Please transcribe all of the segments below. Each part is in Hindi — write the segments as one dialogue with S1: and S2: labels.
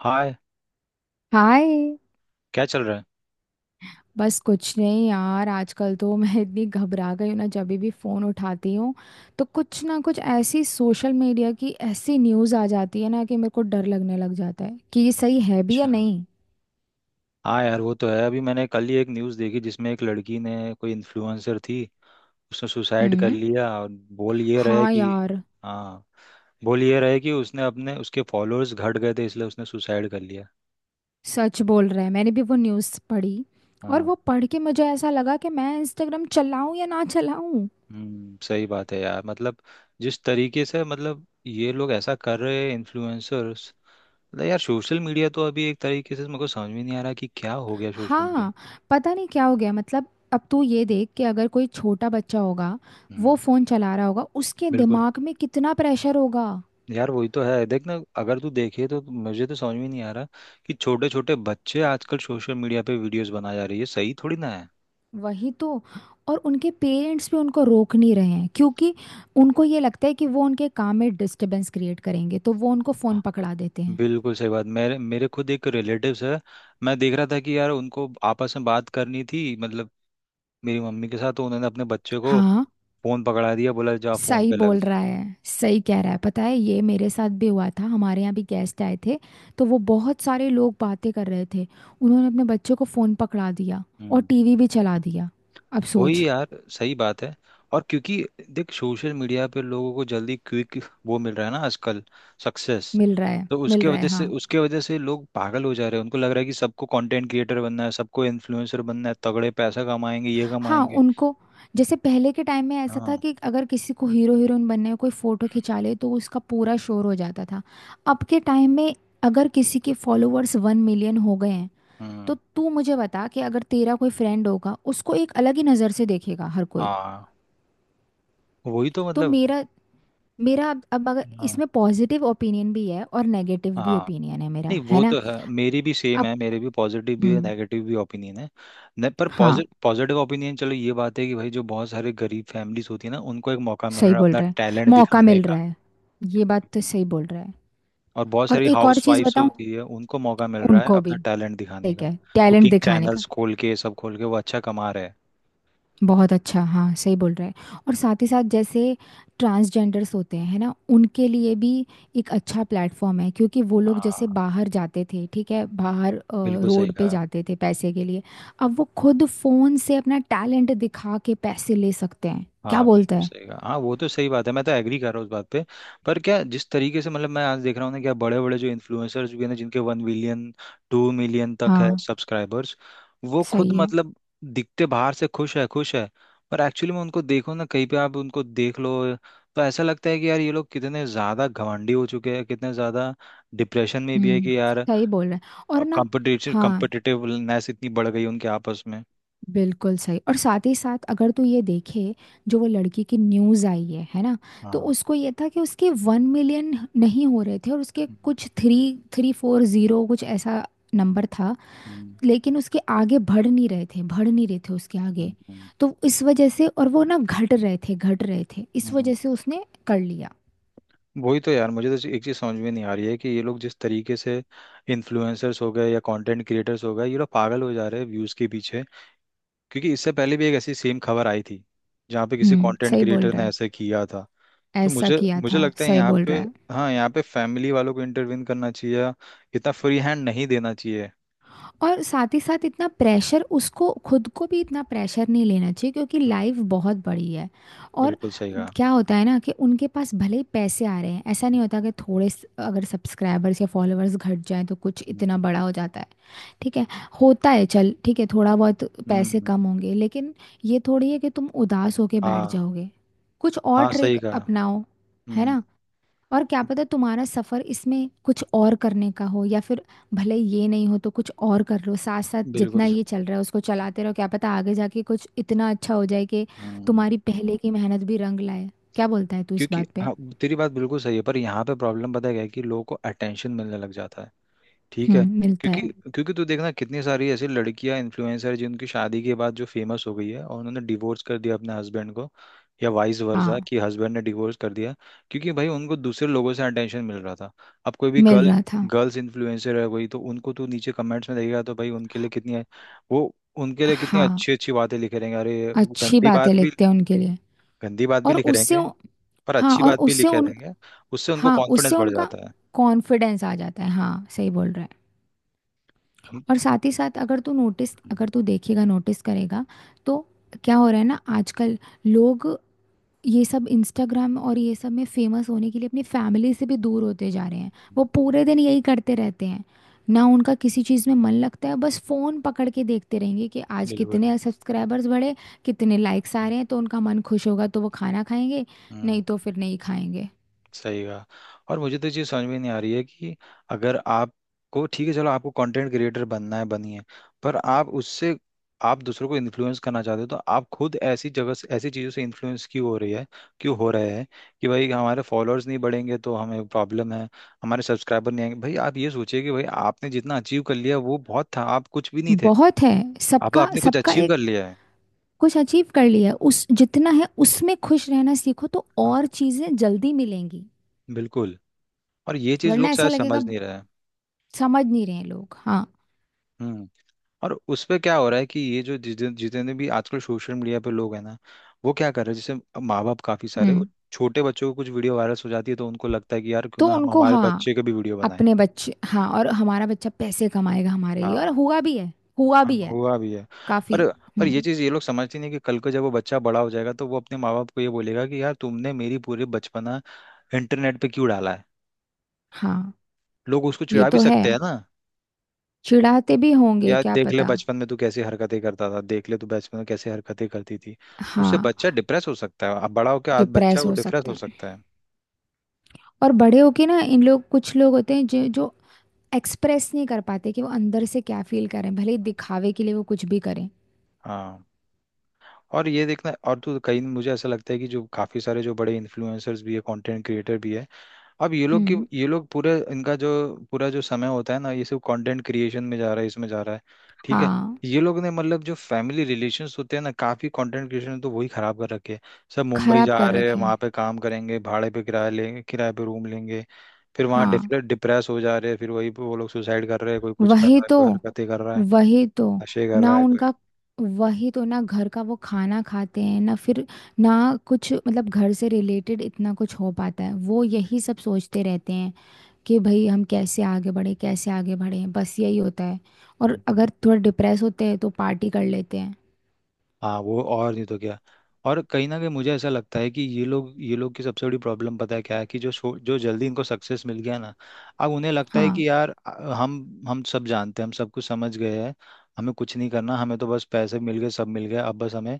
S1: हाय।
S2: हाय।
S1: क्या चल रहा है?
S2: बस कुछ नहीं यार, आजकल तो मैं इतनी घबरा गई हूँ ना, जब भी फ़ोन उठाती हूँ तो कुछ ना कुछ ऐसी सोशल मीडिया की ऐसी न्यूज़ आ जाती है ना, कि मेरे को डर लगने लग जाता है कि ये सही है भी या
S1: अच्छा।
S2: नहीं।
S1: हाँ यार वो तो है। अभी मैंने कल ही एक न्यूज़ देखी जिसमें एक लड़की, ने कोई इन्फ्लुएंसर थी, उसने सुसाइड कर
S2: हम्म।
S1: लिया। और बोल ये रहा है
S2: हाँ
S1: कि,
S2: यार,
S1: हाँ, बोल ये रहा है कि उसने अपने उसके फॉलोअर्स घट गए थे इसलिए उसने सुसाइड कर लिया।
S2: सच बोल रहा है, मैंने भी वो न्यूज़ पढ़ी। और
S1: हाँ।
S2: वो पढ़ के मुझे ऐसा लगा कि मैं इंस्टाग्राम चलाऊँ या ना चलाऊँ।
S1: सही बात है यार। मतलब जिस तरीके से, मतलब ये लोग ऐसा कर रहे हैं इन्फ्लुएंसर्स। मतलब यार सोशल मीडिया तो अभी एक तरीके से मेरे को समझ में नहीं आ रहा कि क्या हो गया सोशल मीडिया।
S2: हाँ, पता नहीं क्या हो गया, मतलब अब तू ये देख, कि अगर कोई छोटा बच्चा होगा, वो
S1: हम्म।
S2: फोन चला रहा होगा, उसके
S1: बिल्कुल।
S2: दिमाग में कितना प्रेशर होगा।
S1: यार वही तो है, देख ना। अगर तू देखे तो मुझे तो समझ में नहीं आ रहा कि छोटे छोटे बच्चे आजकल सोशल मीडिया पे वीडियोस बना जा रही है। सही थोड़ी ना है।
S2: वही तो। और उनके पेरेंट्स भी उनको रोक नहीं रहे हैं, क्योंकि उनको ये लगता है कि वो उनके काम में डिस्टरबेंस क्रिएट करेंगे, तो वो उनको
S1: हाँ।
S2: फोन पकड़ा देते हैं।
S1: बिल्कुल सही बात। मेरे मेरे खुद एक रिलेटिव्स है। मैं देख रहा था कि यार उनको आपस में बात करनी थी, मतलब मेरी मम्मी के साथ, तो उन्होंने अपने बच्चे को
S2: हाँ
S1: फोन पकड़ा दिया, बोला जा फोन
S2: सही
S1: पे लग
S2: बोल रहा
S1: जा।
S2: है, सही कह रहा है, पता है, ये मेरे साथ भी हुआ था, हमारे यहाँ भी गेस्ट आए थे। तो वो बहुत सारे लोग बातें कर रहे थे, उन्होंने अपने बच्चों को फ़ोन पकड़ा दिया और
S1: हम्म।
S2: टीवी भी चला दिया। अब सोच।
S1: वही यार सही बात है। और क्योंकि देख सोशल मीडिया पे लोगों को जल्दी, क्विक वो मिल रहा है ना आजकल, सक्सेस।
S2: मिल रहा है,
S1: तो
S2: मिल
S1: उसके
S2: रहा है,
S1: वजह से
S2: हाँ।
S1: उसके वजह से लोग पागल हो जा रहे हैं। उनको लग रहा है कि सबको कंटेंट क्रिएटर बनना है, सबको इन्फ्लुएंसर बनना है, तगड़े पैसा कमाएंगे ये
S2: हाँ
S1: कमाएंगे।
S2: उनको, जैसे पहले के टाइम में ऐसा
S1: हाँ।
S2: था कि अगर किसी को हीरो हीरोइन बनने में कोई फ़ोटो
S1: हम्म।
S2: खिंचा ले तो उसका पूरा शोर हो जाता था। अब के टाइम में अगर किसी के फॉलोअर्स 1 million हो गए हैं, तो
S1: हम्म।
S2: तू मुझे बता, कि अगर तेरा कोई फ्रेंड होगा, उसको एक अलग ही नज़र से देखेगा हर कोई।
S1: हाँ वही तो
S2: तो
S1: मतलब।
S2: मेरा मेरा अब अगर
S1: हाँ।
S2: इसमें पॉजिटिव ओपिनियन भी है और नेगेटिव भी
S1: हाँ।
S2: ओपिनियन है, मेरा
S1: नहीं
S2: है
S1: वो
S2: ना।
S1: तो है, मेरी भी सेम
S2: अब
S1: है, मेरे भी पॉजिटिव भी है,
S2: हम्म।
S1: नेगेटिव भी ओपिनियन है। न, पर
S2: हाँ
S1: पॉजिटिव ओपिनियन चलो ये बात है कि भाई जो बहुत सारे गरीब फैमिलीज होती है ना, उनको एक मौका मिल रहा
S2: सही
S1: है
S2: बोल
S1: अपना
S2: रहा है,
S1: टैलेंट
S2: मौका
S1: दिखाने
S2: मिल रहा
S1: का।
S2: है, ये बात तो
S1: हम्म।
S2: सही बोल रहा है।
S1: और बहुत
S2: और
S1: सारी
S2: एक और
S1: हाउस
S2: चीज़
S1: वाइफ्स
S2: बताऊँ,
S1: होती है, उनको मौका मिल रहा है
S2: उनको भी
S1: अपना टैलेंट दिखाने
S2: ठीक
S1: का।
S2: है टैलेंट
S1: कुकिंग
S2: दिखाने का।
S1: चैनल्स खोल के, सब खोल के वो अच्छा कमा रहे हैं।
S2: बहुत अच्छा, हाँ, सही बोल रहे हैं, और साथ ही साथ जैसे ट्रांसजेंडर्स होते हैं है ना, उनके लिए भी एक अच्छा प्लेटफॉर्म है, क्योंकि वो लोग जैसे
S1: हाँ
S2: बाहर जाते थे, ठीक है,
S1: बिल्कुल सही
S2: रोड पे
S1: कहा।
S2: जाते थे पैसे के लिए। अब वो खुद फोन से अपना टैलेंट दिखा के पैसे ले सकते हैं, क्या
S1: हाँ
S2: बोलते
S1: बिल्कुल
S2: हैं।
S1: सही कहा। हाँ वो तो सही बात है, मैं तो एग्री कर रहा हूँ उस बात पे। पर क्या जिस तरीके से, मतलब मैं आज देख रहा हूँ ना, क्या बड़े बड़े जो इन्फ्लुएंसर्स भी हैं ना जिनके 1 मिलियन 2 मिलियन तक है
S2: हाँ
S1: सब्सक्राइबर्स, वो खुद
S2: सही है।
S1: मतलब दिखते बाहर से खुश है, खुश है। पर एक्चुअली में उनको देखो ना, कहीं पे आप उनको देख लो, तो ऐसा लगता है कि यार ये लोग कितने ज़्यादा घमंडी हो चुके हैं, कितने ज़्यादा डिप्रेशन में भी है
S2: हम्म
S1: कि यार,
S2: सही बोल रहे हैं। और ना।
S1: कॉम्पिटिटिव
S2: हाँ
S1: कॉम्पिटिटिवनेस इतनी बढ़ गई उनके आपस में।
S2: बिल्कुल सही। और साथ ही साथ अगर तू ये देखे, जो वो लड़की की न्यूज़ आई है ना, तो
S1: हाँ।
S2: उसको ये था कि उसके 1 million नहीं हो रहे थे, और उसके
S1: हम्म।
S2: कुछ थ्री थ्री फोर जीरो कुछ ऐसा नंबर था।
S1: हम्म।
S2: लेकिन उसके आगे बढ़ नहीं रहे थे, बढ़ नहीं रहे थे उसके आगे।
S1: हम्म।
S2: तो इस वजह से, और वो ना घट रहे थे, घट रहे थे, इस
S1: हम्म,
S2: वजह से उसने कर लिया।
S1: वही तो यार। मुझे तो एक चीज़ समझ में नहीं आ रही है कि ये लोग जिस तरीके से इन्फ्लुएंसर्स हो गए या कंटेंट क्रिएटर्स हो गए, ये लोग पागल हो जा रहे हैं व्यूज़ के पीछे। क्योंकि इससे पहले भी एक ऐसी सेम खबर आई थी जहाँ पे किसी कंटेंट
S2: सही बोल
S1: क्रिएटर
S2: रहा
S1: ने
S2: है,
S1: ऐसा किया था। तो
S2: ऐसा
S1: मुझे
S2: किया
S1: मुझे
S2: था,
S1: लगता है
S2: सही
S1: यहाँ
S2: बोल
S1: पे,
S2: रहा है।
S1: हाँ यहाँ पे फैमिली वालों को इंटरवीन करना चाहिए, इतना फ्री हैंड नहीं देना चाहिए।
S2: और साथ ही साथ इतना प्रेशर, उसको खुद को भी इतना प्रेशर नहीं लेना चाहिए, क्योंकि
S1: हम्म,
S2: लाइफ बहुत बड़ी है। और
S1: बिल्कुल सही कहा।
S2: क्या होता है ना, कि उनके पास भले ही पैसे आ रहे हैं, ऐसा नहीं होता कि अगर सब्सक्राइबर्स या फॉलोअर्स घट जाएं तो कुछ इतना
S1: हम्म।
S2: बड़ा हो जाता है। ठीक है, होता है, चल ठीक है, थोड़ा बहुत पैसे
S1: हम्म।
S2: कम होंगे, लेकिन ये थोड़ी है कि तुम उदास होके बैठ
S1: हाँ।
S2: जाओगे। कुछ और
S1: हाँ
S2: ट्रिक
S1: सही कहा।
S2: अपनाओ, है
S1: हम्म।
S2: ना। और क्या पता तुम्हारा सफर इसमें कुछ और करने का हो, या फिर भले ये नहीं हो तो कुछ और कर लो, साथ साथ जितना
S1: बिल्कुल
S2: ये
S1: सही।
S2: चल रहा है उसको चलाते रहो। क्या पता आगे जाके कुछ इतना अच्छा हो जाए कि
S1: हम्म।
S2: तुम्हारी पहले की मेहनत भी रंग लाए। क्या बोलता है तू इस
S1: क्योंकि,
S2: बात पे।
S1: हाँ, तेरी बात बिल्कुल सही है पर यहाँ पे प्रॉब्लम पता है क्या है, कि लोगों को अटेंशन मिलने लग जाता है, ठीक है।
S2: मिलता
S1: क्योंकि
S2: है।
S1: क्योंकि तू देखना कितनी सारी ऐसी लड़कियां इन्फ्लुएंसर, जिनकी शादी के बाद जो फेमस हो गई है और उन्होंने डिवोर्स कर दिया अपने हस्बैंड को, या वाइस वर्सा
S2: हाँ
S1: कि हस्बैंड ने डिवोर्स कर दिया। क्योंकि भाई उनको दूसरे लोगों से अटेंशन मिल रहा था। अब कोई भी
S2: मिल
S1: गर्ल,
S2: रहा था।
S1: गर्ल्स इन्फ्लुएंसर है कोई, तो उनको तू नीचे कमेंट्स में देखेगा तो भाई वो उनके लिए कितनी
S2: हाँ
S1: अच्छी अच्छी बातें लिखे रहेंगे। अरे वो
S2: अच्छी
S1: गंदी
S2: बातें
S1: बात भी
S2: लिखते हैं उनके लिए।
S1: गंदी बात भी
S2: और
S1: लिखे रहेंगे, पर
S2: हाँ
S1: अच्छी
S2: और
S1: बात भी
S2: उससे
S1: लिखे
S2: उन,
S1: रहेंगे। उससे उनको
S2: हाँ
S1: कॉन्फिडेंस
S2: उससे
S1: बढ़
S2: उनका
S1: जाता है।
S2: कॉन्फिडेंस आ जाता है, हाँ सही बोल रहा है। और
S1: उनको।
S2: साथ ही साथ अगर तू नोटिस,
S1: हम्म।
S2: अगर तू देखेगा नोटिस करेगा, तो क्या हो रहा है ना आजकल, लोग ये सब इंस्टाग्राम और ये सब में फेमस होने के लिए अपनी फैमिली से भी दूर होते जा रहे हैं। वो
S1: हम्म।
S2: पूरे दिन यही करते रहते हैं, ना उनका
S1: हम्म।
S2: किसी चीज़ में मन लगता है, बस फ़ोन पकड़ के देखते रहेंगे कि आज
S1: बिल्कुल।
S2: कितने सब्सक्राइबर्स बढ़े, कितने लाइक्स आ
S1: हम्म।
S2: रहे हैं। तो उनका मन खुश होगा तो वो खाना खाएंगे,
S1: हम्म।
S2: नहीं तो फिर नहीं खाएंगे।
S1: सही कहा। और मुझे तो ये चीज़ समझ में नहीं आ रही है कि अगर आपको, ठीक है चलो, आपको कंटेंट क्रिएटर बनना है बनिए। पर आप उससे, आप दूसरों को इन्फ्लुएंस करना चाहते हो तो आप खुद ऐसी जगह से, ऐसी चीज़ों से इन्फ्लुएंस क्यों हो रही है, क्यों हो रहे हैं कि भाई हमारे फॉलोअर्स नहीं बढ़ेंगे तो हमें प्रॉब्लम है, हमारे सब्सक्राइबर नहीं आएंगे। भाई आप ये सोचिए कि भाई आपने जितना अचीव कर लिया वो बहुत था, आप कुछ भी नहीं थे,
S2: बहुत है,
S1: अब
S2: सबका
S1: आपने कुछ
S2: सबका
S1: अचीव
S2: एक।
S1: कर लिया है।
S2: कुछ अचीव कर लिया है, उस जितना है उसमें खुश रहना सीखो तो
S1: हाँ
S2: और चीजें जल्दी मिलेंगी।
S1: बिल्कुल। और ये चीज
S2: वरना
S1: लोग
S2: ऐसा
S1: शायद
S2: लगेगा,
S1: समझ नहीं रहे हैं।
S2: समझ नहीं रहे हैं लोग, हाँ।
S1: हम्म। और उस पे क्या हो रहा है कि ये जो जितने जितने भी आजकल सोशल मीडिया पे लोग हैं ना, वो क्या कर रहे हैं, जैसे माँ बाप काफी सारे, वो
S2: हम्म।
S1: छोटे बच्चों को कुछ वीडियो वायरल हो जाती है तो उनको लगता है कि यार क्यों
S2: तो
S1: ना हम
S2: उनको,
S1: हमारे
S2: हाँ
S1: बच्चे के भी वीडियो बनाएं।
S2: अपने बच्चे, हाँ और हमारा बच्चा पैसे कमाएगा हमारे लिए। और
S1: हाँ।
S2: हुआ भी है, हुआ
S1: हाँ
S2: भी है
S1: हुआ भी है। पर
S2: काफी।
S1: पर ये
S2: हम्म।
S1: चीज़ ये लोग समझते नहीं कि कल को जब वो बच्चा बड़ा हो जाएगा तो वो अपने माँ बाप को ये बोलेगा कि यार तुमने मेरी पूरे बचपना इंटरनेट पे क्यों डाला है।
S2: हाँ
S1: लोग उसको
S2: ये
S1: चिढ़ा भी
S2: तो है,
S1: सकते हैं ना।
S2: चिढ़ाते भी होंगे
S1: यार
S2: क्या
S1: देख ले
S2: पता।
S1: बचपन में तू कैसी हरकतें करता था, देख ले तू बचपन में कैसी हरकतें करती थी, तो उससे
S2: हाँ
S1: बच्चा डिप्रेस हो सकता है, अब बड़ा होकर आज बच्चा
S2: डिप्रेस
S1: वो
S2: हो
S1: डिप्रेस
S2: सकते
S1: हो
S2: हैं।
S1: सकता है।
S2: और बड़े होके ना, इन लोग कुछ लोग होते हैं जो जो एक्सप्रेस नहीं कर पाते कि वो अंदर से क्या फील करें, भले ही दिखावे के लिए वो कुछ भी करें।
S1: हाँ। और ये देखना, और तो कहीं मुझे ऐसा लगता है कि जो काफी सारे जो बड़े इन्फ्लुएंसर्स भी है, कंटेंट क्रिएटर भी है, अब ये लोग की
S2: हम्म।
S1: ये लोग पूरे इनका जो पूरा जो समय होता है ना ये सब कंटेंट क्रिएशन में जा रहा है, इसमें जा रहा है, ठीक है।
S2: हाँ
S1: ये लोग ने मतलब जो फैमिली रिलेशंस होते हैं ना, काफी कंटेंट क्रिएशन तो वही खराब कर रखे हैं। सब मुंबई
S2: खराब
S1: जा
S2: कर
S1: रहे हैं,
S2: रखे हैं।
S1: वहां पे काम करेंगे, भाड़े पे किराया लेंगे, किराए पे रूम लेंगे, फिर वहां
S2: हाँ।
S1: डिप्रेस हो जा रहे हैं, फिर वही पे वो लोग सुसाइड कर रहे हैं, कोई कुछ कर
S2: वही
S1: रहा है,
S2: तो,
S1: कोई हरकतें कर रहा है,
S2: वही तो,
S1: नशे कर
S2: ना
S1: रहा है कोई।
S2: उनका, वही तो ना घर का वो खाना खाते हैं ना, फिर ना, कुछ मतलब घर से रिलेटेड इतना कुछ हो पाता है, वो यही सब सोचते रहते हैं कि भाई हम कैसे आगे बढ़े, कैसे आगे बढ़े, बस यही होता है। और
S1: हम्म।
S2: अगर थोड़ा डिप्रेस होते हैं तो पार्टी कर लेते हैं।
S1: हाँ वो, और नहीं तो क्या। और कहीं ना कहीं मुझे ऐसा लगता है कि ये लोग की सबसे बड़ी प्रॉब्लम पता है क्या है, कि जो जल्दी इनको सक्सेस मिल गया ना, अब उन्हें लगता है
S2: हाँ
S1: कि यार हम सब जानते हैं, हम सब कुछ समझ गए हैं, हमें कुछ नहीं करना, हमें तो बस पैसे मिल गए, सब मिल गए, अब बस हमें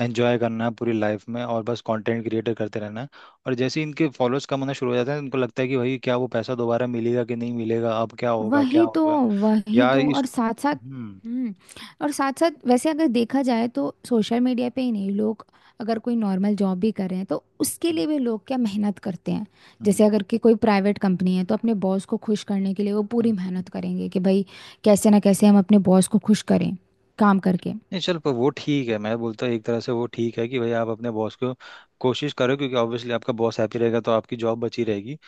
S1: एंजॉय करना है पूरी लाइफ में, और बस कंटेंट क्रिएटर करते रहना है। और जैसे ही इनके फॉलोअर्स कम होना शुरू हो जाते हैं, इनको लगता है कि भाई क्या वो पैसा दोबारा मिलेगा कि नहीं मिलेगा, अब क्या होगा, क्या
S2: वही तो,
S1: होगा।
S2: वही
S1: यार
S2: तो,
S1: इस
S2: और साथ साथ।
S1: हम्म।
S2: हम्म। और साथ साथ वैसे अगर देखा जाए तो सोशल मीडिया पे ही नहीं, लोग अगर कोई नॉर्मल जॉब भी कर रहे हैं तो उसके
S1: हम्म।
S2: लिए भी लोग क्या मेहनत करते हैं।
S1: हम्म।
S2: जैसे अगर कि कोई प्राइवेट कंपनी है, तो अपने बॉस को खुश करने के लिए वो पूरी
S1: हम्म,
S2: मेहनत करेंगे कि भाई कैसे ना कैसे हम अपने बॉस को खुश करें, काम करके।
S1: नहीं चल, पर वो ठीक है, मैं बोलता हूँ एक तरह से वो ठीक है कि भाई आप अपने बॉस को कोशिश करो, क्योंकि ऑब्वियसली आपका बॉस हैप्पी रहेगा तो आपकी जॉब बची रहेगी।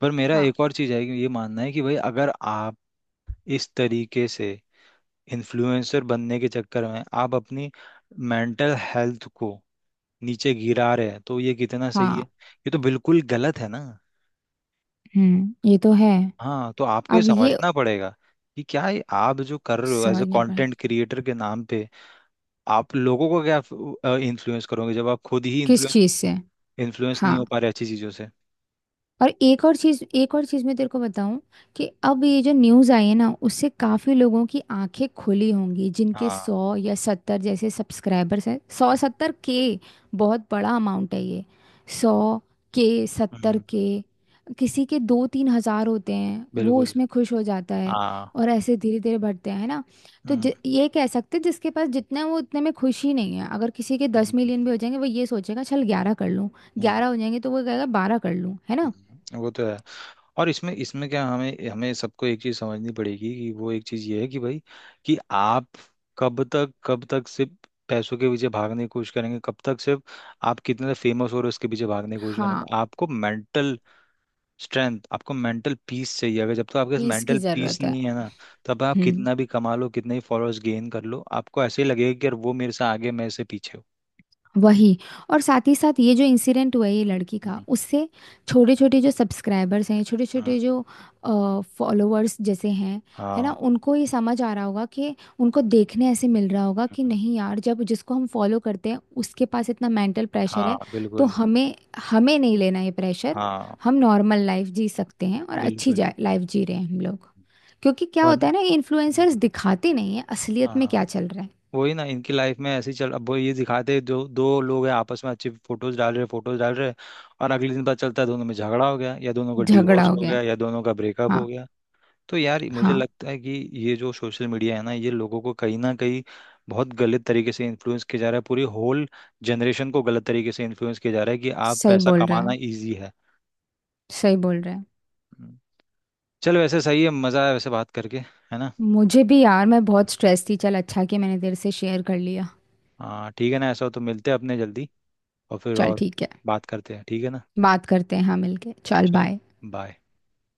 S1: पर मेरा
S2: हाँ।
S1: एक और चीज़ है, कि ये मानना है कि भाई अगर आप इस तरीके से इन्फ्लुएंसर बनने के चक्कर में आप अपनी मेंटल हेल्थ को नीचे गिरा रहे हैं तो ये कितना सही है,
S2: हाँ
S1: ये तो बिल्कुल गलत है ना।
S2: ये तो है।
S1: हाँ तो आपको ये
S2: अब ये
S1: समझना पड़ेगा कि क्या ये आप जो कर रहे हो एज अ
S2: समझना पड़े,
S1: कंटेंट क्रिएटर के नाम पे, आप लोगों को क्या इन्फ्लुएंस करोगे जब आप खुद ही
S2: किस
S1: इन्फ्लुएंस
S2: चीज़ से।
S1: इन्फ्लुएंस
S2: हाँ।
S1: नहीं हो पा रहे अच्छी चीज़ों से।
S2: और एक और चीज, एक और चीज मैं तेरे को बताऊं, कि अब ये जो न्यूज आई है ना, उससे काफी लोगों की आंखें खुली होंगी, जिनके
S1: हाँ।
S2: 100 या 70 जैसे सब्सक्राइबर्स हैं, 100-70 के। बहुत बड़ा अमाउंट है ये, 100 के, 70
S1: हम्म।
S2: के। किसी के 2-3 हज़ार होते हैं, वो
S1: बिल्कुल।
S2: उसमें खुश हो जाता है।
S1: हाँ।
S2: और ऐसे धीरे धीरे बढ़ते हैं, है ना। तो
S1: हम्म।
S2: ये कह सकते हैं, जिसके पास जितना है वो उतने में खुश ही नहीं है। अगर किसी के
S1: हम्म।
S2: 10 million भी हो जाएंगे, वो ये सोचेगा चल 11 कर लूँ,
S1: हम्म।
S2: 11 हो जाएंगे तो वो कहेगा 12 कर लूँ, है ना।
S1: हम्म। वो तो है। और इसमें इसमें क्या, हमें हमें सबको एक चीज़ समझनी पड़ेगी कि वो एक चीज़ ये है कि भाई, कि आप कब तक सिर्फ पैसों के पीछे भागने की कोशिश करेंगे, कब तक सिर्फ आप कितने फेमस हो रहे हो उसके पीछे भागने की कोशिश
S2: हाँ
S1: करेंगे। आपको मेंटल स्ट्रेंथ, आपको मेंटल पीस चाहिए। अगर, जब तक आपके पास
S2: पीस की
S1: मेंटल पीस
S2: जरूरत है।
S1: नहीं है ना, तब आप
S2: हम्म।
S1: कितना भी कमा लो, कितने ही फॉलोअर्स गेन कर लो, आपको ऐसे ही लगेगा कि यार वो मेरे से आगे, मैं इससे पीछे हूँ।
S2: वही, और साथ ही साथ ये जो इंसिडेंट हुआ है ये लड़की का,
S1: हम्म।
S2: उससे छोटे छोटे जो सब्सक्राइबर्स हैं, छोटे
S1: हम्म।
S2: छोटे जो फॉलोअर्स जैसे हैं, है ना,
S1: हाँ।
S2: उनको ये समझ आ रहा होगा कि उनको देखने ऐसे मिल रहा होगा कि
S1: हम्म।
S2: नहीं यार, जब जिसको हम फॉलो करते हैं उसके पास इतना मेंटल प्रेशर
S1: हाँ
S2: है, तो
S1: बिल्कुल।
S2: हमें हमें नहीं लेना ये प्रेशर।
S1: हाँ
S2: हम नॉर्मल लाइफ जी सकते हैं और अच्छी
S1: बिल्कुल।
S2: लाइफ जी रहे हैं हम लोग। क्योंकि क्या होता
S1: वन
S2: है ना, ये इन्फ्लुएंसर्स
S1: हम्म।
S2: दिखाते नहीं है असलियत में
S1: हाँ
S2: क्या चल रहा है।
S1: वही ना, इनकी लाइफ में ऐसे ही चल। अब वो ये दिखाते हैं, जो दो लोग हैं आपस में, अच्छी फोटोज डाल रहे, और अगले दिन पता चलता है दोनों में झगड़ा हो गया, या दोनों का
S2: झगड़ा
S1: डिवोर्स
S2: हो
S1: हो
S2: गया है।
S1: गया, या दोनों का ब्रेकअप हो
S2: हाँ।
S1: गया। तो यार मुझे
S2: हाँ
S1: लगता है कि ये जो सोशल मीडिया है ना, ये लोगों को कहीं ना कहीं बहुत गलत तरीके से इन्फ्लुएंस किया जा रहा है, पूरी होल जनरेशन को गलत तरीके से इन्फ्लुएंस किया जा रहा है कि आप
S2: सही
S1: पैसा
S2: बोल रहा
S1: कमाना
S2: है,
S1: इजी है।
S2: सही बोल रहा है।
S1: हम्म। चल वैसे सही है, मज़ा आया वैसे बात करके, है ना।
S2: मुझे भी यार, मैं बहुत स्ट्रेस थी, चल अच्छा कि मैंने तेरे से शेयर कर लिया।
S1: हाँ ठीक है ना, ऐसा हो तो मिलते हैं अपने जल्दी, और फिर
S2: चल
S1: और
S2: ठीक है,
S1: बात करते हैं, ठीक है ना।
S2: बात करते हैं हाँ, मिलके चल
S1: चल।
S2: बाय।
S1: बाय।